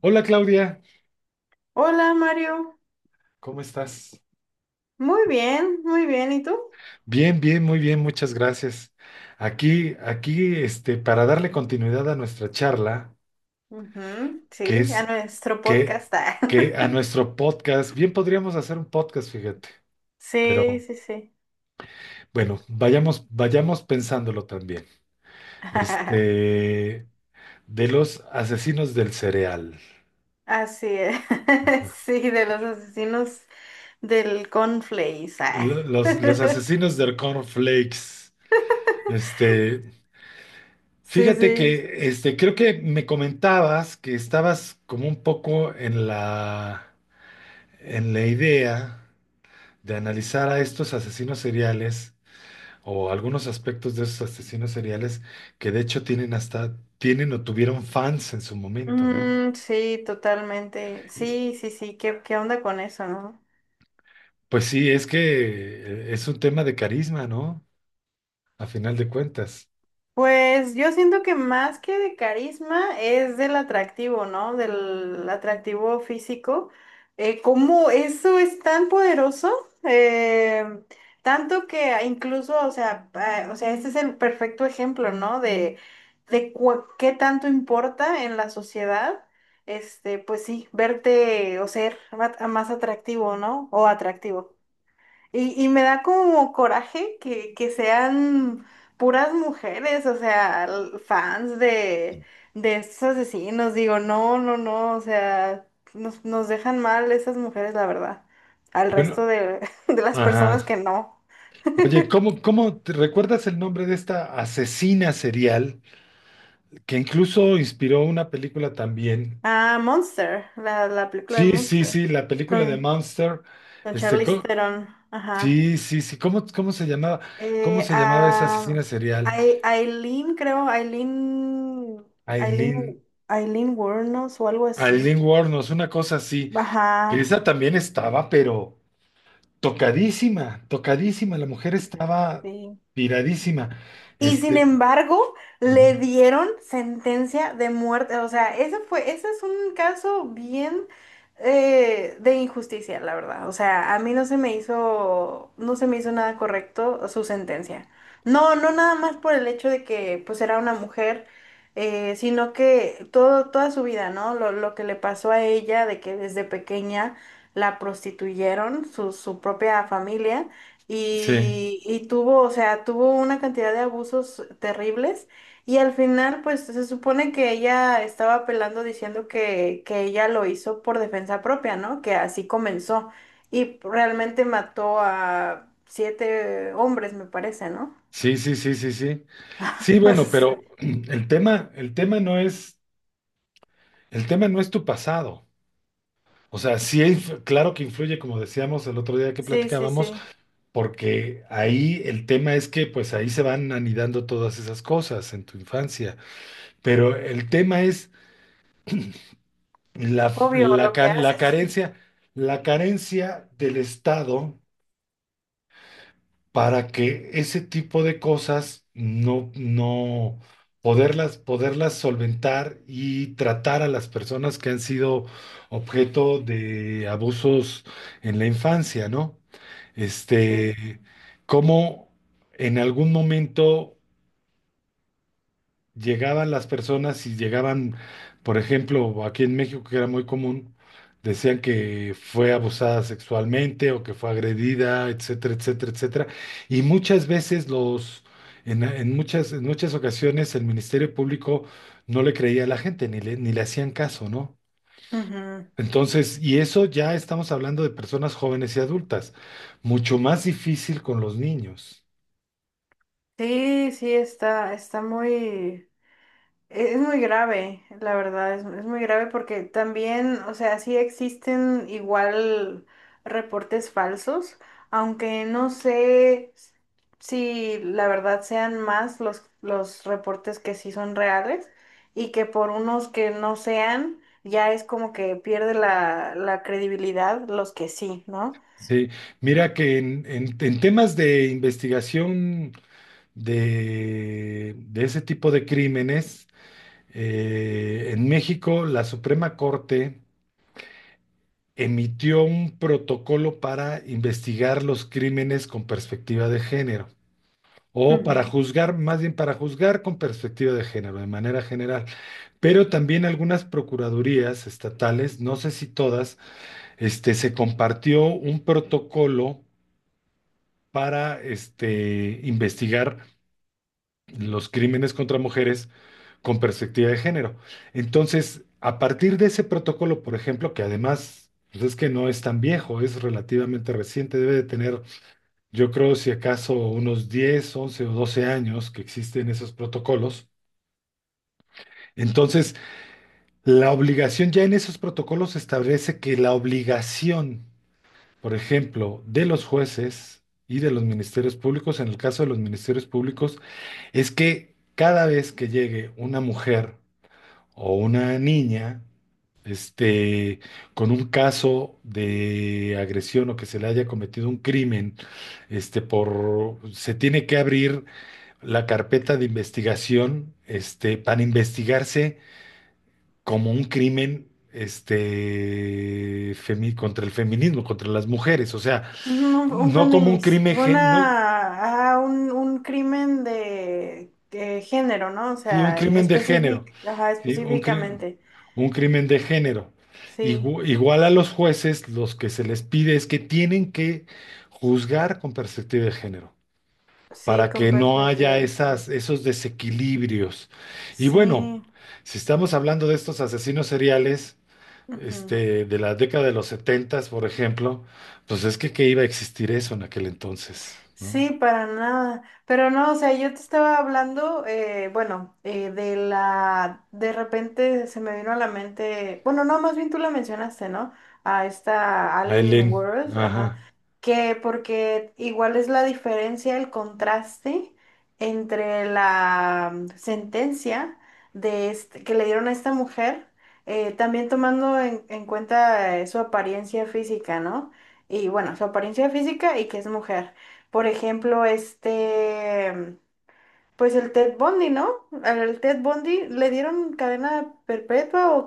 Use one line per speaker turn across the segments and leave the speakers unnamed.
Hola Claudia,
Hola Mario,
¿cómo estás?
muy bien, ¿y tú?
Bien, bien, muy bien, muchas gracias. Para darle continuidad a nuestra charla,
Ujú,
que
sí, a
es
nuestro
que,
podcast. Ah.
que a nuestro podcast, bien podríamos hacer un podcast, fíjate,
Sí,
pero
sí, sí.
bueno, vayamos pensándolo también. Este, de los asesinos del cereal,
Así es. Sí, de los asesinos del Conflace. Ah.
los asesinos del cornflakes. este,
Sí,
Fíjate
sí.
que creo que me comentabas que estabas como un poco en la idea de analizar a estos asesinos seriales o algunos aspectos de esos asesinos seriales que de hecho tienen hasta, tienen o tuvieron fans en su momento, ¿no?
Mm, sí, totalmente.
Y,
Sí, sí, sí, ¿qué, qué onda con eso, no?
Pues sí, es que es un tema de carisma, ¿no? A final de cuentas.
Pues yo siento que más que de carisma es del atractivo, ¿no? Del atractivo físico. Cómo eso es tan poderoso, eh, tanto que incluso, o sea, o sea, este es el perfecto ejemplo, ¿no? De, qué tanto importa en la sociedad, este, pues sí, verte o ser más atractivo, ¿no? O atractivo. Y me da como coraje que sean puras mujeres, o sea, fans de estos asesinos. Digo, no, no, no, o sea, nos dejan mal esas mujeres, la verdad, al
Bueno,
resto de, de las
ajá.
personas que no.
Oye, ¿cómo, cómo te recuerdas el nombre de esta asesina serial?, que incluso inspiró una película también.
Ah, Monster, la película de
Sí, sí,
Monster,
sí, la película de
con,
Monster.
con
este,
Charlize
co-
Theron, ajá.
sí, sí, sí, ¿cómo, cómo se llamaba? ¿Cómo
Eh,
se llamaba esa
ah,
asesina serial?
Aileen, creo, Aileen, Aileen,
Aileen,
Aileen Wuornos o algo así.
Aileen Wuornos, una cosa así.
Ajá,
Que esa también estaba, pero tocadísima, tocadísima, la mujer estaba
sí.
tiradísima.
Y sin
Este,
embargo,
ujú,
le dieron sentencia de muerte. O sea, ese fue, ese es un caso bien de injusticia, la verdad. O sea, a mí no se me hizo, no se me hizo nada correcto su sentencia. No, no nada más por el hecho de que pues era una mujer, sino que todo, toda su vida, ¿no? Lo que le pasó a ella, de que desde pequeña la prostituyeron, su propia familia.
sí,
Y, y tuvo, o sea, tuvo una cantidad de abusos terribles y al final, pues se supone que ella estaba apelando diciendo que ella lo hizo por defensa propia, ¿no? Que así comenzó y realmente mató a 7 hombres, me parece, ¿no?
sí, sí, sí, sí, sí. Sí, bueno, pero el tema no es tu pasado. O sea, claro que influye, como decíamos el otro día que
Sí, sí,
platicábamos,
sí.
porque ahí el tema es que pues ahí se van anidando todas esas cosas en tu infancia, pero el tema es la,
Obvio
la,
lo
ca-
que
la
haces.
carencia, la carencia del Estado para que ese tipo de cosas no poderlas solventar y tratar a las personas que han sido objeto de abusos en la infancia, ¿no?
Sí.
Este, cómo en algún momento llegaban las personas y llegaban, por ejemplo, aquí en México, que era muy común, decían que fue abusada sexualmente o que fue agredida, etcétera, etcétera, etcétera. Y muchas veces los, en muchas ocasiones el Ministerio Público no le creía a la gente, ni le hacían caso, ¿no?
Ujú.
Entonces, y eso ya estamos hablando de personas jóvenes y adultas, mucho más difícil con los niños.
Sí, sí, está, está muy... Es muy grave, la verdad, es muy grave porque también, o sea, sí existen igual reportes falsos, aunque no sé si la verdad sean más los reportes que sí son reales y que por unos que no sean, ya es como que pierde la, la credibilidad los que sí, ¿no?
Sí, mira que en temas de investigación de ese tipo de crímenes. En México la Suprema Corte emitió un protocolo para investigar los crímenes con perspectiva de género, o para juzgar, más bien para juzgar con perspectiva de género, de manera general. Pero también algunas procuradurías estatales, no sé si todas, se compartió un protocolo para investigar los crímenes contra mujeres con perspectiva de género. Entonces, a partir de ese protocolo, por ejemplo, que además pues es que no es tan viejo, es relativamente reciente, debe de tener, yo creo, si acaso unos 10, 11 o 12 años que existen esos protocolos. Entonces, la obligación ya en esos protocolos establece que la obligación, por ejemplo, de los jueces y de los ministerios públicos, en el caso de los ministerios públicos, es que cada vez que llegue una mujer o una niña, este, con un caso de agresión o que se le haya cometido un crimen, se tiene que abrir la carpeta de investigación, para investigarse como un crimen, contra el feminismo, contra las mujeres, o sea, no como un crimen, gen- no,
Ajá, un crimen de género, ¿no? O
sí, un
sea,
crimen de género.
ajá,
Sí, un crimen,
específicamente.
un crimen de género.
Sí,
Igual a los jueces, los que se les pide es que tienen que juzgar con perspectiva de género,
sí,
para
con
que no
perspectiva
haya
de género.
esas, esos desequilibrios. Y bueno,
Sí.
si estamos hablando de estos asesinos seriales,
Ujú.
de la década de los setentas, por ejemplo, pues es que iba a existir eso en aquel entonces, ¿no?
Sí, para nada. Pero no, o sea, yo te estaba hablando, bueno, de la, de repente se me vino a la mente, bueno, no, más bien tú la mencionaste, ¿no? A esta Allen
Aileen,
World, ajá,
ajá.
que porque igual es la diferencia, el contraste entre la sentencia de este, que le dieron a esta mujer, también tomando en cuenta su apariencia física, ¿no? Y bueno, su apariencia física y que es mujer. Por ejemplo, este, pues el Ted Bundy, ¿no? Al Ted Bundy le dieron cadena perpetua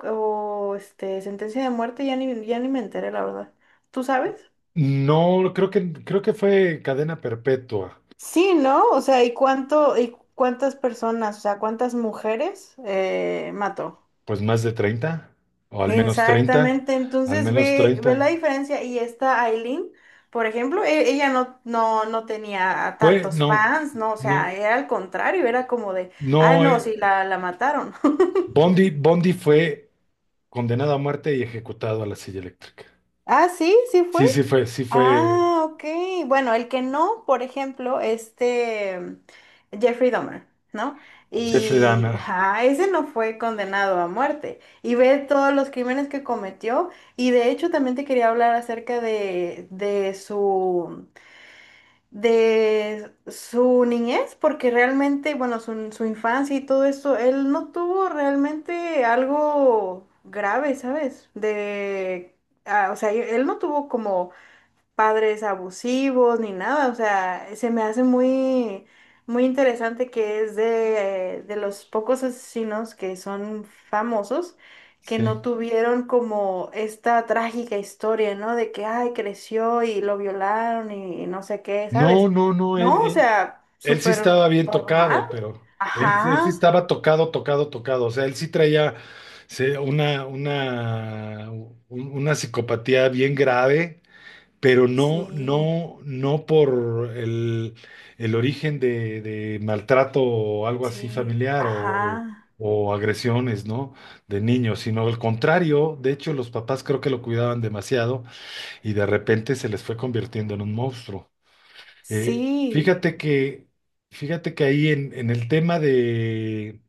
o, este, sentencia de muerte, ya ni me enteré, la verdad. ¿Tú sabes?
No, creo que fue cadena perpetua.
Sí, ¿no? O sea, ¿y cuánto, y cuántas personas, o sea, cuántas mujeres mató?
Pues más de 30 o al menos 30,
Exactamente,
al
entonces
menos
ve, ve la
30.
diferencia y esta Aileen, por ejemplo, ella no, no, no tenía
Fue,
tantos
no,
fans, ¿no? O sea,
no,
era al contrario, era como de, ah,
no,
no, sí, la mataron.
Bondi, Bondi fue condenado a muerte y ejecutado a la silla eléctrica.
Ah, sí, sí fue.
Sí, sí fue, sí fue.
Ah, ok. Bueno, el que no, por ejemplo, este Jeffrey Dahmer, ¿no?
Jeffrey
Y
Dahmer,
ajá, ese no fue condenado a muerte. Y ve todos los crímenes que cometió. Y de hecho también te quería hablar acerca de su niñez, porque realmente, bueno, su infancia y todo eso, él no tuvo realmente algo grave, ¿sabes? De, ah, o sea, él no tuvo como padres abusivos ni nada, o sea, se me hace muy, muy interesante que es de los pocos asesinos que son famosos, que
sí.
no tuvieron como esta trágica historia, ¿no? De que, ay, creció y lo violaron y no sé qué,
No,
¿sabes?
no, no,
No, o sea,
él sí
súper
estaba bien tocado,
normal.
pero él sí
Ajá,
estaba tocado, tocado, tocado. O sea, él sí traía una psicopatía bien grave, pero no,
sí,
no, no por el origen de maltrato o algo así
sí,
familiar o
ajá,
o agresiones, ¿no? De niños, sino al contrario. De hecho, los papás creo que lo cuidaban demasiado y de repente se les fue convirtiendo en un monstruo. Eh,
sí.
fíjate que, fíjate que ahí en el tema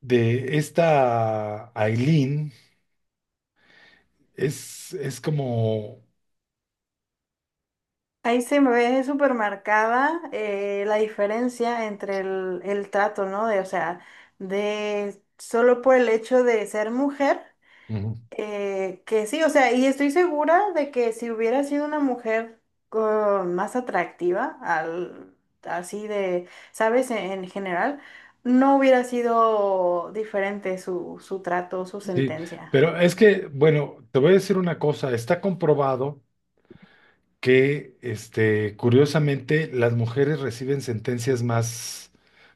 de esta Aileen es como,
Ahí se me ve súper marcada la diferencia entre el trato, ¿no? De, o sea, de solo por el hecho de ser mujer,
ujú,
que sí, o sea, y estoy segura de que si hubiera sido una mujer más atractiva, al, así de, ¿sabes? En general, no hubiera sido diferente su, su trato, su
sí,
sentencia.
pero es que, bueno, te voy a decir una cosa, está comprobado que, curiosamente, las mujeres reciben sentencias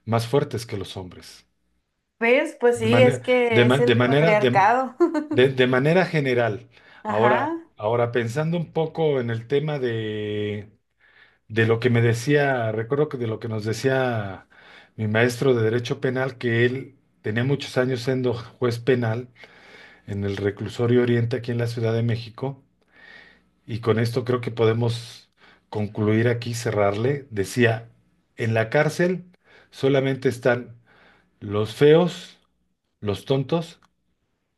más fuertes que los hombres,
¿Ves? Pues
de
sí, es
manera, de,
que
ma-
es el patriarcado.
de manera general. Ahora,
Ajá.
ahora pensando un poco en el tema de lo que me decía, recuerdo que de lo que nos decía mi maestro de Derecho Penal, que él tenía muchos años siendo juez penal en el Reclusorio Oriente aquí en la Ciudad de México, y con esto creo que podemos concluir aquí, cerrarle. Decía, en la cárcel solamente están los feos, los tontos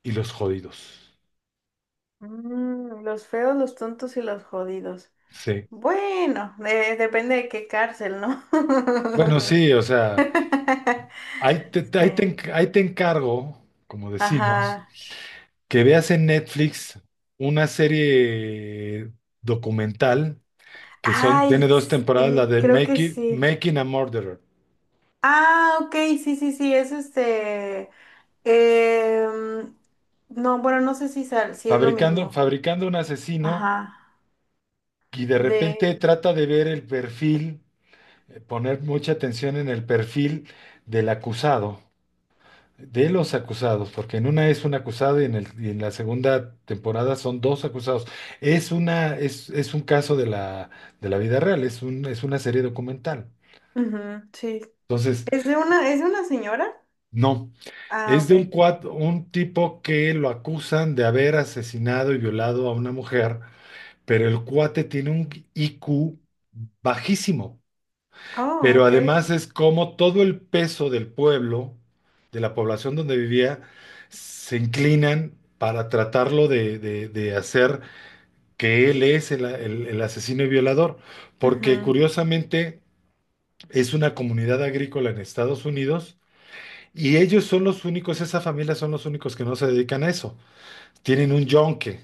y los jodidos.
Mm, los feos, los tontos y los jodidos.
Sí.
Bueno, depende de qué cárcel, ¿no?
Bueno, sí, o sea,
Sí.
ahí te encargo, como decimos.
Ajá.
Que veas en Netflix una serie documental, que son, tiene
Ay,
dos temporadas, la
sí,
de
creo que sí.
Making a Murderer,
Ah, ok, sí, sí, sí, es este. em, no, bueno, no sé si, si es lo mismo.
fabricando un asesino,
Ajá.
y de repente
De.
trata de ver el perfil, poner mucha atención en el perfil del acusado, de los acusados, porque en una es un acusado y en la segunda temporada son dos acusados. Es un caso de de la vida real, es una serie documental.
Ujú, sí.
Entonces,
Es de una señora?
no.
Ah,
Es de un,
ok.
un tipo que lo acusan de haber asesinado y violado a una mujer, pero el cuate tiene un IQ bajísimo.
Oh,
Pero
ok.
además es como todo el peso del pueblo, de la población donde vivía, se inclinan para tratarlo de hacer que él es el asesino y violador. Porque
Ujú,
curiosamente es una comunidad agrícola en Estados Unidos y ellos son los únicos, esa familia son los únicos que no se dedican a eso. Tienen un yonque,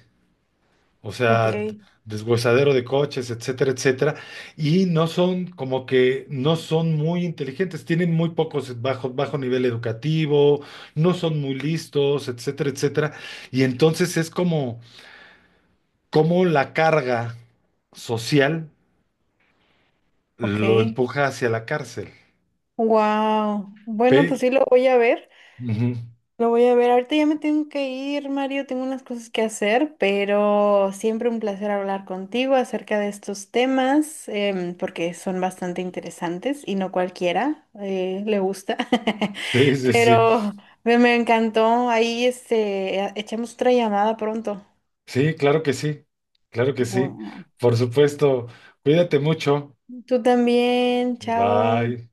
o
ok.
sea, deshuesadero de coches, etcétera, etcétera, y no son como que no son muy inteligentes, tienen muy pocos bajo nivel educativo, no son muy listos, etcétera, etcétera, y entonces es como, como la carga social
Ok,
lo
ok.
empuja hacia la cárcel.
Wow. Bueno, pues
Pe-
sí lo voy a ver.
Ujú.
Lo voy a ver. Ahorita ya me tengo que ir, Mario. Tengo unas cosas que hacer, pero siempre un placer hablar contigo acerca de estos temas, porque son bastante interesantes y no cualquiera le gusta.
Sí, sí, sí,
Pero me encantó. Ahí este, echamos otra llamada pronto.
sí, claro que sí, claro que sí,
Bueno.
por supuesto, cuídate mucho,
Tú también. Chao.
bye.